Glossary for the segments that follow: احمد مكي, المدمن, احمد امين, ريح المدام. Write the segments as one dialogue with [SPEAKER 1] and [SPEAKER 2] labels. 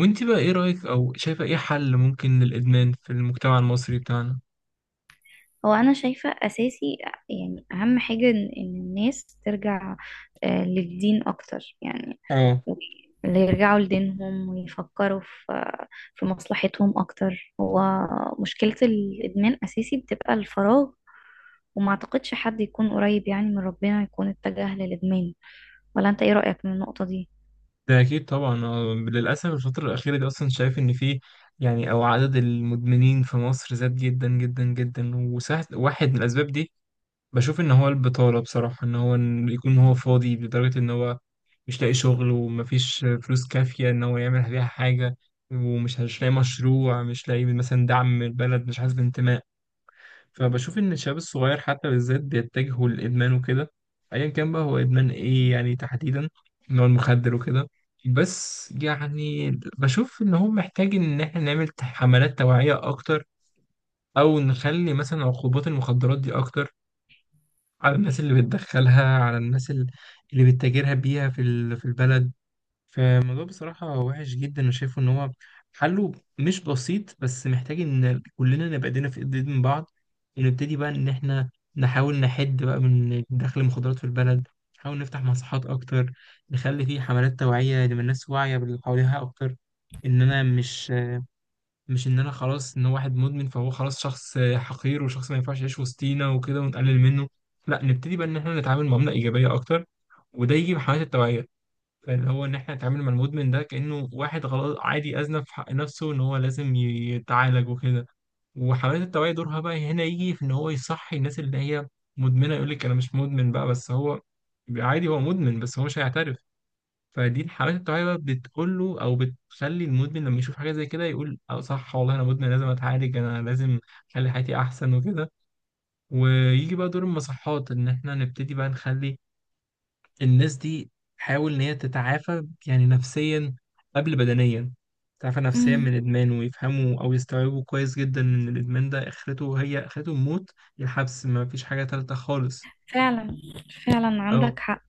[SPEAKER 1] وانت بقى ايه رأيك او شايفة ايه حل ممكن للإدمان في المجتمع المصري بتاعنا؟
[SPEAKER 2] هو انا شايفة اساسي، يعني اهم حاجة إن الناس ترجع للدين اكتر. يعني
[SPEAKER 1] اه،
[SPEAKER 2] و- اللي يرجعوا لدينهم ويفكروا في مصلحتهم اكتر. هو مشكلة الادمان اساسي بتبقى الفراغ، وما اعتقدش حد يكون قريب يعني من ربنا يكون اتجه للادمان. ولا انت ايه رأيك من النقطة دي؟
[SPEAKER 1] ده اكيد طبعا. للأسف الفترة الأخيرة دي اصلا شايف ان في، يعني، او عدد المدمنين في مصر زاد جدا جدا جدا، وسهل واحد من الأسباب دي بشوف ان هو البطالة. بصراحة ان هو إن يكون هو فاضي لدرجة ان هو مش لاقي شغل ومفيش فلوس كافية إن هو يعمل بيها حاجة، ومش مش لاقي مشروع، مش لاقي مثلا دعم من البلد، مش حاسس بانتماء. فبشوف ان الشباب الصغير حتى بالذات بيتجهوا للادمان وكده، ايا كان بقى هو ادمان ايه يعني تحديدا، ان هو المخدر وكده. بس يعني بشوف ان هو محتاج ان احنا نعمل حملات توعية اكتر، او نخلي مثلا عقوبات المخدرات دي اكتر على الناس اللي بتدخلها، على الناس اللي بتتاجرها بيها في في البلد. فالموضوع بصراحة وحش جدا، أنا شايفه إن هو حله مش بسيط، بس محتاج إن كلنا نبقى إيدينا في إيد من بعض، ونبتدي بقى إن إحنا نحاول نحد بقى من دخل المخدرات في البلد، نحاول نفتح مصحات أكتر، نخلي فيه حملات توعية لما الناس واعية باللي حواليها أكتر. إن أنا مش إن أنا خلاص إن هو واحد مدمن فهو خلاص شخص حقير وشخص ما ينفعش يعيش وسطينا وكده ونقلل منه. لا، نبتدي بقى إن إحنا نتعامل معاملة إيجابية أكتر، وده يجي بحملات التوعية. فاللي هو ان احنا نتعامل مع المدمن ده كانه واحد غلط عادي اذنب في حق نفسه، ان هو لازم يتعالج وكده. وحملات التوعيه دورها بقى هنا يجي في ان هو يصحي الناس اللي هي مدمنه. يقول لك انا مش مدمن بقى، بس هو عادي هو مدمن، بس هو مش هيعترف. فدي حملات التوعيه بقى بتقول له، او بتخلي المدمن لما يشوف حاجه زي كده يقول اه صح والله انا مدمن لازم اتعالج، انا لازم اخلي حياتي احسن وكده. ويجي بقى دور المصحات ان احنا نبتدي بقى نخلي الناس دي حاول ان هي تتعافى يعني نفسيا قبل بدنيا، تتعافى نفسيا من
[SPEAKER 2] امم.
[SPEAKER 1] الادمان، ويفهموا او يستوعبوا كويس جدا ان الادمان ده اخرته هي اخرته الموت يا الحبس، ما فيش حاجة تالتة خالص.
[SPEAKER 2] فعلا، فعلا
[SPEAKER 1] اه.
[SPEAKER 2] عندك حق.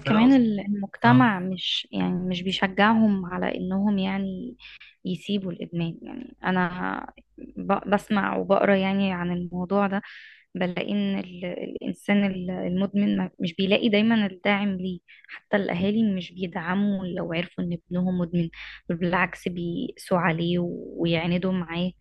[SPEAKER 1] فانا أص... اه.
[SPEAKER 2] المجتمع مش يعني مش بيشجعهم على انهم يعني يسيبوا الإدمان. يعني أنا بسمع وبقرا يعني عن الموضوع ده، بلاقي إن الإنسان المدمن مش بيلاقي دايما الداعم ليه. حتى الأهالي مش بيدعموا لو عرفوا إن ابنهم مدمن، بل بالعكس بيقسوا عليه ويعاندوا معاه.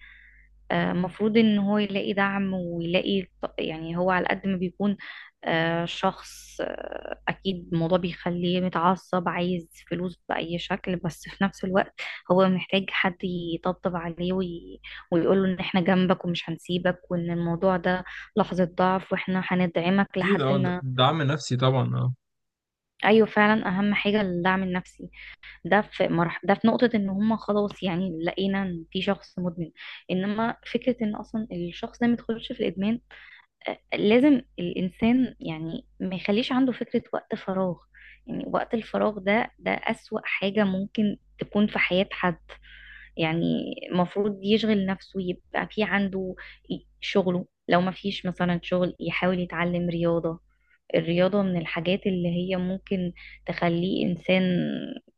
[SPEAKER 2] المفروض ان هو يلاقي دعم ويلاقي يعني، هو على قد ما بيكون شخص اكيد الموضوع بيخليه متعصب عايز فلوس باي شكل، بس في نفس الوقت هو محتاج حد يطبطب عليه ويقول له ان احنا جنبك ومش هنسيبك، وان الموضوع ده لحظة ضعف واحنا هندعمك
[SPEAKER 1] اكيد
[SPEAKER 2] لحد
[SPEAKER 1] اه،
[SPEAKER 2] ما.
[SPEAKER 1] دعم نفسي طبعا، اه.
[SPEAKER 2] ايوه، فعلا اهم حاجة الدعم النفسي. ده في نقطة ان هم خلاص، يعني لقينا ان في شخص مدمن. انما فكرة ان اصلا الشخص ده ما يدخلش في الادمان، لازم الانسان يعني ما يخليش عنده فكرة وقت فراغ. يعني وقت الفراغ ده اسوأ حاجة ممكن تكون في حياة حد. يعني المفروض يشغل نفسه، يبقى في عنده شغله. لو ما فيش مثلا شغل يحاول يتعلم رياضة. الرياضة من الحاجات اللي هي ممكن تخليه إنسان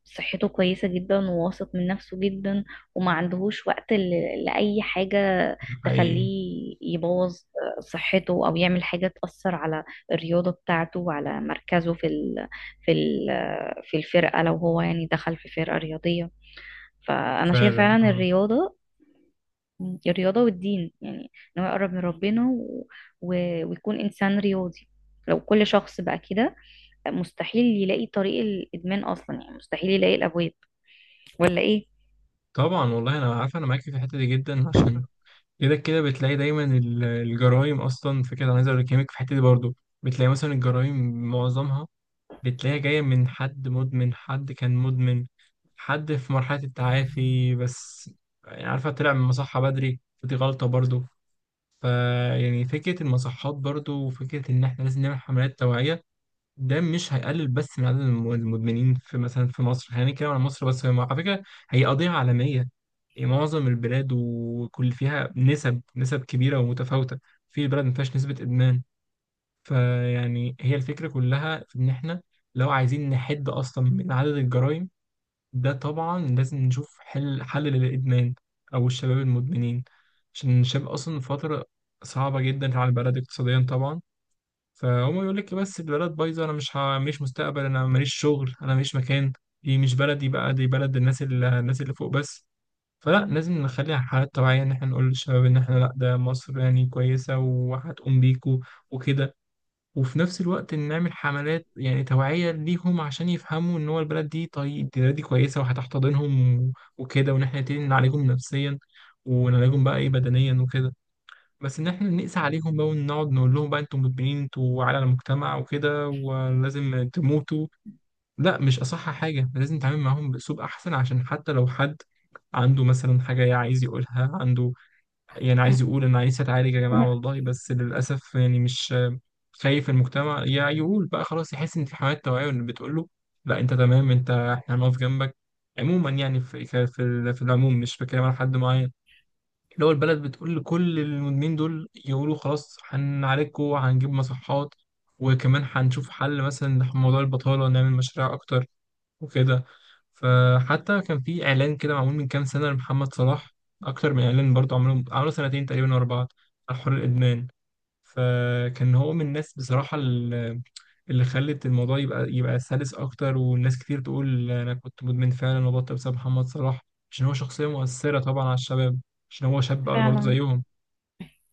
[SPEAKER 2] صحته كويسة جدا وواثق من نفسه جدا، وما عندهوش وقت لأي حاجة
[SPEAKER 1] ده حقيقي.
[SPEAKER 2] تخليه يبوظ صحته أو يعمل حاجة تأثر على الرياضة بتاعته وعلى مركزه في ال في الفرقة لو هو يعني دخل في فرقة رياضية. فأنا شايفة
[SPEAKER 1] فعلا
[SPEAKER 2] فعلا
[SPEAKER 1] اه.
[SPEAKER 2] الرياضة، الرياضة والدين. يعني إن هو يقرب من ربنا و... ويكون إنسان رياضي. لو كل شخص بقى كده، مستحيل يلاقي طريق الادمان اصلا، يعني مستحيل يلاقي الابواب. ولا ايه؟
[SPEAKER 1] طبعا والله انا عارف انا معاكي في الحتة دي جدا، عشان كده كده بتلاقي دايما الجرائم اصلا في كده. انا عايز اقول لك في الحتة دي برضو بتلاقي مثلا الجرائم معظمها بتلاقيها جاية من حد مدمن، حد كان مدمن، حد في مرحلة التعافي بس، يعني عارفة طلع من المصحة بدري، فدي غلطة برضو. فيعني فكرة المصحات برضو وفكرة إن إحنا لازم نعمل حملات توعية، ده مش هيقلل بس من عدد المدمنين في مثلا في مصر. خلينا نتكلم عن مصر بس، هي على فكرة هي قضية عالمية، يعني معظم البلاد وكل فيها نسب كبيرة ومتفاوتة، في بلد ما فيهاش نسبة إدمان. فيعني هي الفكرة كلها في إن إحنا لو عايزين نحد أصلا من عدد الجرائم، ده طبعا لازم نشوف حل للإدمان، أو الشباب المدمنين، عشان الشباب أصلا في فترة صعبة جدا على البلد اقتصاديا طبعا. فهم يقول لك بس البلد بايظة، أنا مش مستقبل، أنا ماليش شغل، أنا ماليش مكان، دي مش بلدي بقى، دي بلد الناس اللي فوق بس. فلا، لازم نخليها حالات طبيعية إن إحنا نقول للشباب إن إحنا لأ، ده مصر يعني كويسة وهتقوم بيكوا وكده، وفي نفس الوقت نعمل حملات يعني توعية ليهم عشان يفهموا ان هو البلد دي، طيب البلد دي كويسة وهتحتضنهم، وكده، وان احنا نبتدي نعالجهم نفسيا ونعالجهم بقى ايه بدنيا وكده. بس ان احنا نقسى عليهم بقى ونقعد نقول لهم بقى انتم مدمنين انتوا على المجتمع وكده ولازم تموتوا، لا، مش اصح حاجة. لازم نتعامل معاهم باسلوب احسن، عشان حتى لو حد عنده مثلا حاجة عايز يقولها، عنده يعني عايز يقول انا عايز اتعالج يا جماعه
[SPEAKER 2] مم.
[SPEAKER 1] والله، بس للاسف يعني مش خايف المجتمع يا يقول بقى خلاص. يحس ان في حملات توعيه اللي بتقول له لا انت تمام، انت احنا هنقف جنبك. عموما يعني في العموم مش بتكلم على حد معين، اللي هو البلد بتقول لكل المدمنين دول يقولوا خلاص هنعالجكم، هنجيب مصحات، وكمان هنشوف حل مثلا لموضوع البطالة، نعمل مشاريع أكتر وكده. فحتى كان في إعلان كده معمول من كام سنة لمحمد صلاح، أكتر من إعلان برضه، عملوا سنتين تقريبا ورا بعض على حوار الإدمان. فكان هو من الناس بصراحة اللي خلت الموضوع يبقى سلس أكتر، والناس كتير تقول أنا كنت مدمن فعلا وبطل بسبب محمد صلاح عشان هو شخصية مؤثرة طبعا على الشباب، عشان هو شاب برضه
[SPEAKER 2] فعلا.
[SPEAKER 1] زيهم.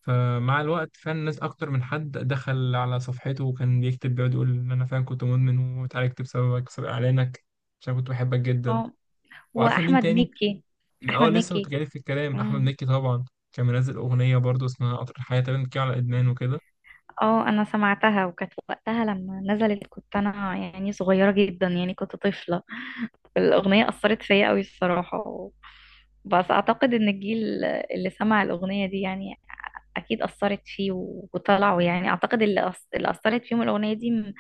[SPEAKER 1] فمع الوقت فعلا الناس أكتر من حد دخل على صفحته وكان بيكتب بيقعد يقول إن أنا فعلا كنت مدمن وتعالجت بسببك بسبب إعلانك عشان كنت بحبك جدا.
[SPEAKER 2] اه،
[SPEAKER 1] وعارفة مين
[SPEAKER 2] واحمد
[SPEAKER 1] تاني؟
[SPEAKER 2] مكي.
[SPEAKER 1] أه،
[SPEAKER 2] احمد
[SPEAKER 1] لسه كنت
[SPEAKER 2] مكي.
[SPEAKER 1] جايلك في الكلام، أحمد
[SPEAKER 2] مم.
[SPEAKER 1] مكي طبعا. كان منزل أغنية برضه اسمها قطر الحياة تقريبا بتتكلم على إدمان وكده.
[SPEAKER 2] اه، انا سمعتها وكانت وقتها لما نزلت كنت انا يعني صغيره جدا، يعني كنت طفله. الاغنيه اثرت فيا قوي الصراحه. بس اعتقد ان الجيل اللي سمع الاغنيه دي يعني اكيد اثرت فيه، وطلعوا يعني اعتقد اللي اللي اثرت فيهم الاغنيه دي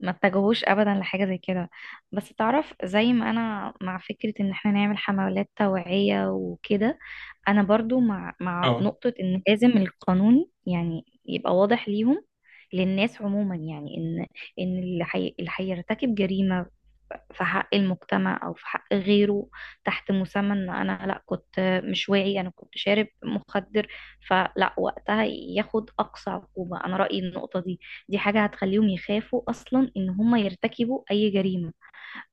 [SPEAKER 2] ما اتجهوش ابدا لحاجه زي كده. بس تعرف، زي ما انا مع فكره ان احنا نعمل حملات توعيه وكده، انا برضو مع
[SPEAKER 1] اه،
[SPEAKER 2] نقطه ان لازم القانون يعني يبقى واضح ليهم، للناس عموما. يعني ان اللي هيرتكب جريمه في حق المجتمع او في حق غيره تحت مسمى ان انا لا كنت مش واعي، انا كنت شارب مخدر، فلا، وقتها ياخد اقصى عقوبه. انا رايي النقطه دي، دي حاجة هتخليهم يخافوا أصلا إن هم يرتكبوا أي جريمة.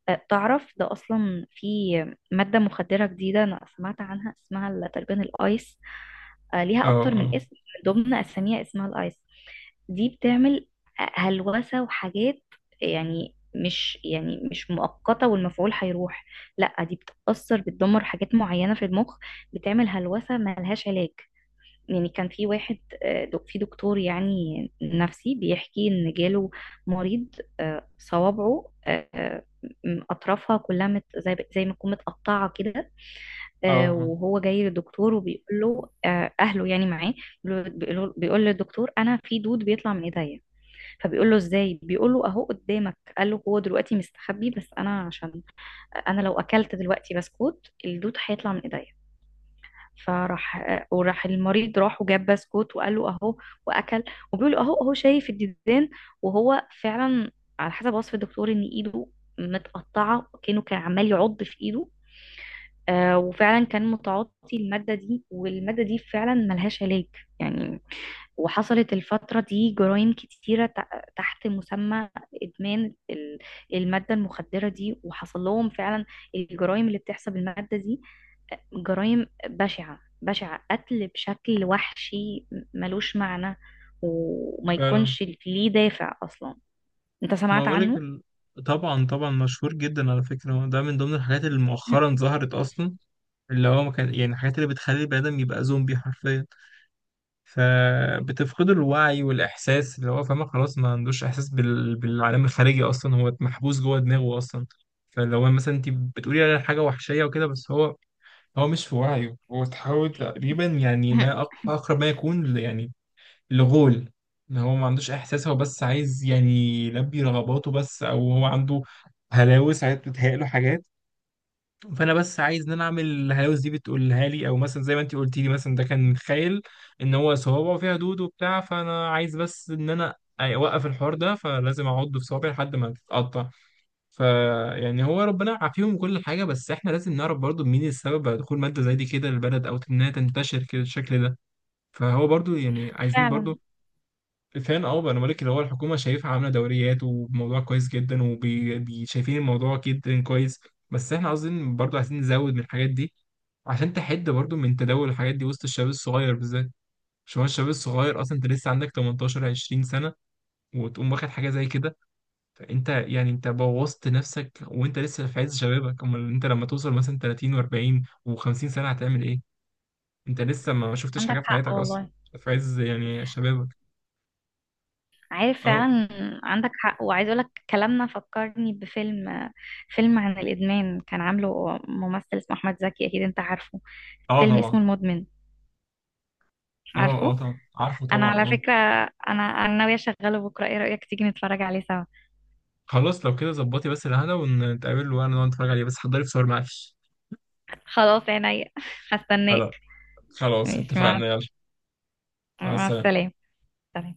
[SPEAKER 2] تعرف ده أصلا في مادة مخدرة جديدة أنا سمعت عنها، اسمها تقريبا الآيس.
[SPEAKER 1] اه،
[SPEAKER 2] ليها أكتر من
[SPEAKER 1] اه،
[SPEAKER 2] اسم، من ضمن أساميها اسمها الآيس. دي بتعمل هلوسة وحاجات، يعني مش يعني مش مؤقتة والمفعول هيروح، لا، دي بتأثر بتدمر حاجات معينة في المخ، بتعمل هلوسة ملهاش علاج. يعني كان في واحد، في دكتور يعني نفسي بيحكي ان جاله مريض، صوابعه اطرافها كلها مت زي ما تكون متقطعه كده.
[SPEAKER 1] اه،
[SPEAKER 2] وهو جاي للدكتور وبيقول له، اهله يعني معاه، بيقول للدكتور انا في دود بيطلع من ايديا. فبيقول له ازاي، بيقول له اهو قدامك. قال له هو دلوقتي مستخبي، بس انا عشان انا لو اكلت دلوقتي بسكوت الدود هيطلع من ايديا. فراح، وراح المريض راح وجاب بسكوت وقال له اهو، واكل، وبيقول له اهو اهو شايف الديدان. وهو فعلا على حسب وصف الدكتور ان ايده متقطعه، كانه كان عمال يعض في ايده. وفعلا كان متعاطي الماده دي، والماده دي فعلا ملهاش علاج. يعني وحصلت الفترة دي جرائم كتيرة تحت مسمى إدمان المادة المخدرة دي، وحصل لهم فعلا الجرائم اللي بتحصل بالمادة دي جرائم بشعة بشعة، قتل بشكل وحشي ملوش معنى وما
[SPEAKER 1] فعلا.
[SPEAKER 2] يكونش ليه دافع أصلا. أنت
[SPEAKER 1] ما
[SPEAKER 2] سمعت
[SPEAKER 1] بقولك
[SPEAKER 2] عنه؟
[SPEAKER 1] ال... طبعا طبعا، مشهور جدا على فكرة. ده من ضمن الحاجات اللي مؤخرا ظهرت أصلا، اللي هو ما كان يعني الحاجات اللي بتخلي البني آدم يبقى زومبي حرفيا، فبتفقد الوعي والإحساس. اللي هو فاهمة خلاص ما عندوش إحساس بالعالم الخارجي أصلا، هو محبوس جوه دماغه أصلا. فاللي هو مثلا أنت بتقولي على حاجة وحشية وكده، بس هو مش في وعيه. هو تحاول تقريبا يعني ما أقرب ما يكون يعني الغول، ان هو ما عندوش احساس، هو بس عايز يعني يلبي رغباته بس، او هو عنده هلاوس، عايز بتتهيأ له حاجات. فانا بس عايز ان انا اعمل الهلاوس دي بتقولها لي، او مثلا زي ما انت قلتي لي مثلا ده كان متخيل ان هو صوابعه فيها دود وبتاع، فانا عايز بس ان انا اوقف الحوار ده، فلازم اعض في صوابعي لحد ما تتقطع. فيعني هو ربنا يعافيهم كل حاجه، بس احنا لازم نعرف برضو مين السبب على دخول ماده زي دي كده للبلد او انها تنتشر كده بالشكل ده. فهو برضو يعني عايزين
[SPEAKER 2] فعلا
[SPEAKER 1] برضو، فان اه بقى انا بقول لك اللي هو الحكومه شايفها عامله دوريات، وموضوع كويس جدا، وشايفين الموضوع جدا كويس، بس احنا عاوزين برضو عايزين نزود من الحاجات دي عشان تحد برضو من تداول الحاجات دي وسط الشباب الصغير بالذات. عشان هو الشباب الصغير اصلا، انت لسه عندك 18 20 سنه وتقوم واخد حاجه زي كده، فانت يعني انت بوظت نفسك وانت لسه في عز شبابك. امال انت لما توصل مثلا 30 و40 و50 سنه هتعمل ايه؟ انت لسه ما شفتش
[SPEAKER 2] عندك
[SPEAKER 1] حاجه في
[SPEAKER 2] حق
[SPEAKER 1] حياتك اصلا،
[SPEAKER 2] والله.
[SPEAKER 1] في عز يعني شبابك.
[SPEAKER 2] عارف
[SPEAKER 1] اه.
[SPEAKER 2] فعلا. عندك حق. وعايز اقولك كلامنا فكرني بفيلم، فيلم عن الادمان كان عامله ممثل اسمه احمد زكي، اكيد انت عارفه.
[SPEAKER 1] اه
[SPEAKER 2] فيلم
[SPEAKER 1] طبعا
[SPEAKER 2] اسمه المدمن،
[SPEAKER 1] اه. اه
[SPEAKER 2] عارفه؟
[SPEAKER 1] طبعا عارفه
[SPEAKER 2] انا
[SPEAKER 1] طبعا،
[SPEAKER 2] على
[SPEAKER 1] اه.
[SPEAKER 2] فكره، انا ناويه اشغله بكره، ايه رايك تيجي نتفرج عليه سوا؟
[SPEAKER 1] خلاص، لو كده ظبطي بس الهنا ونتقابل، وانا نقعد نتفرج عليه، بس حضري فشار معلش.
[SPEAKER 2] خلاص عينيا هستناك.
[SPEAKER 1] خلاص. خلاص
[SPEAKER 2] ماشي، مع
[SPEAKER 1] اتفقنا، يلا. مع
[SPEAKER 2] مع
[SPEAKER 1] السلامة.
[SPEAKER 2] السلامه. سلام.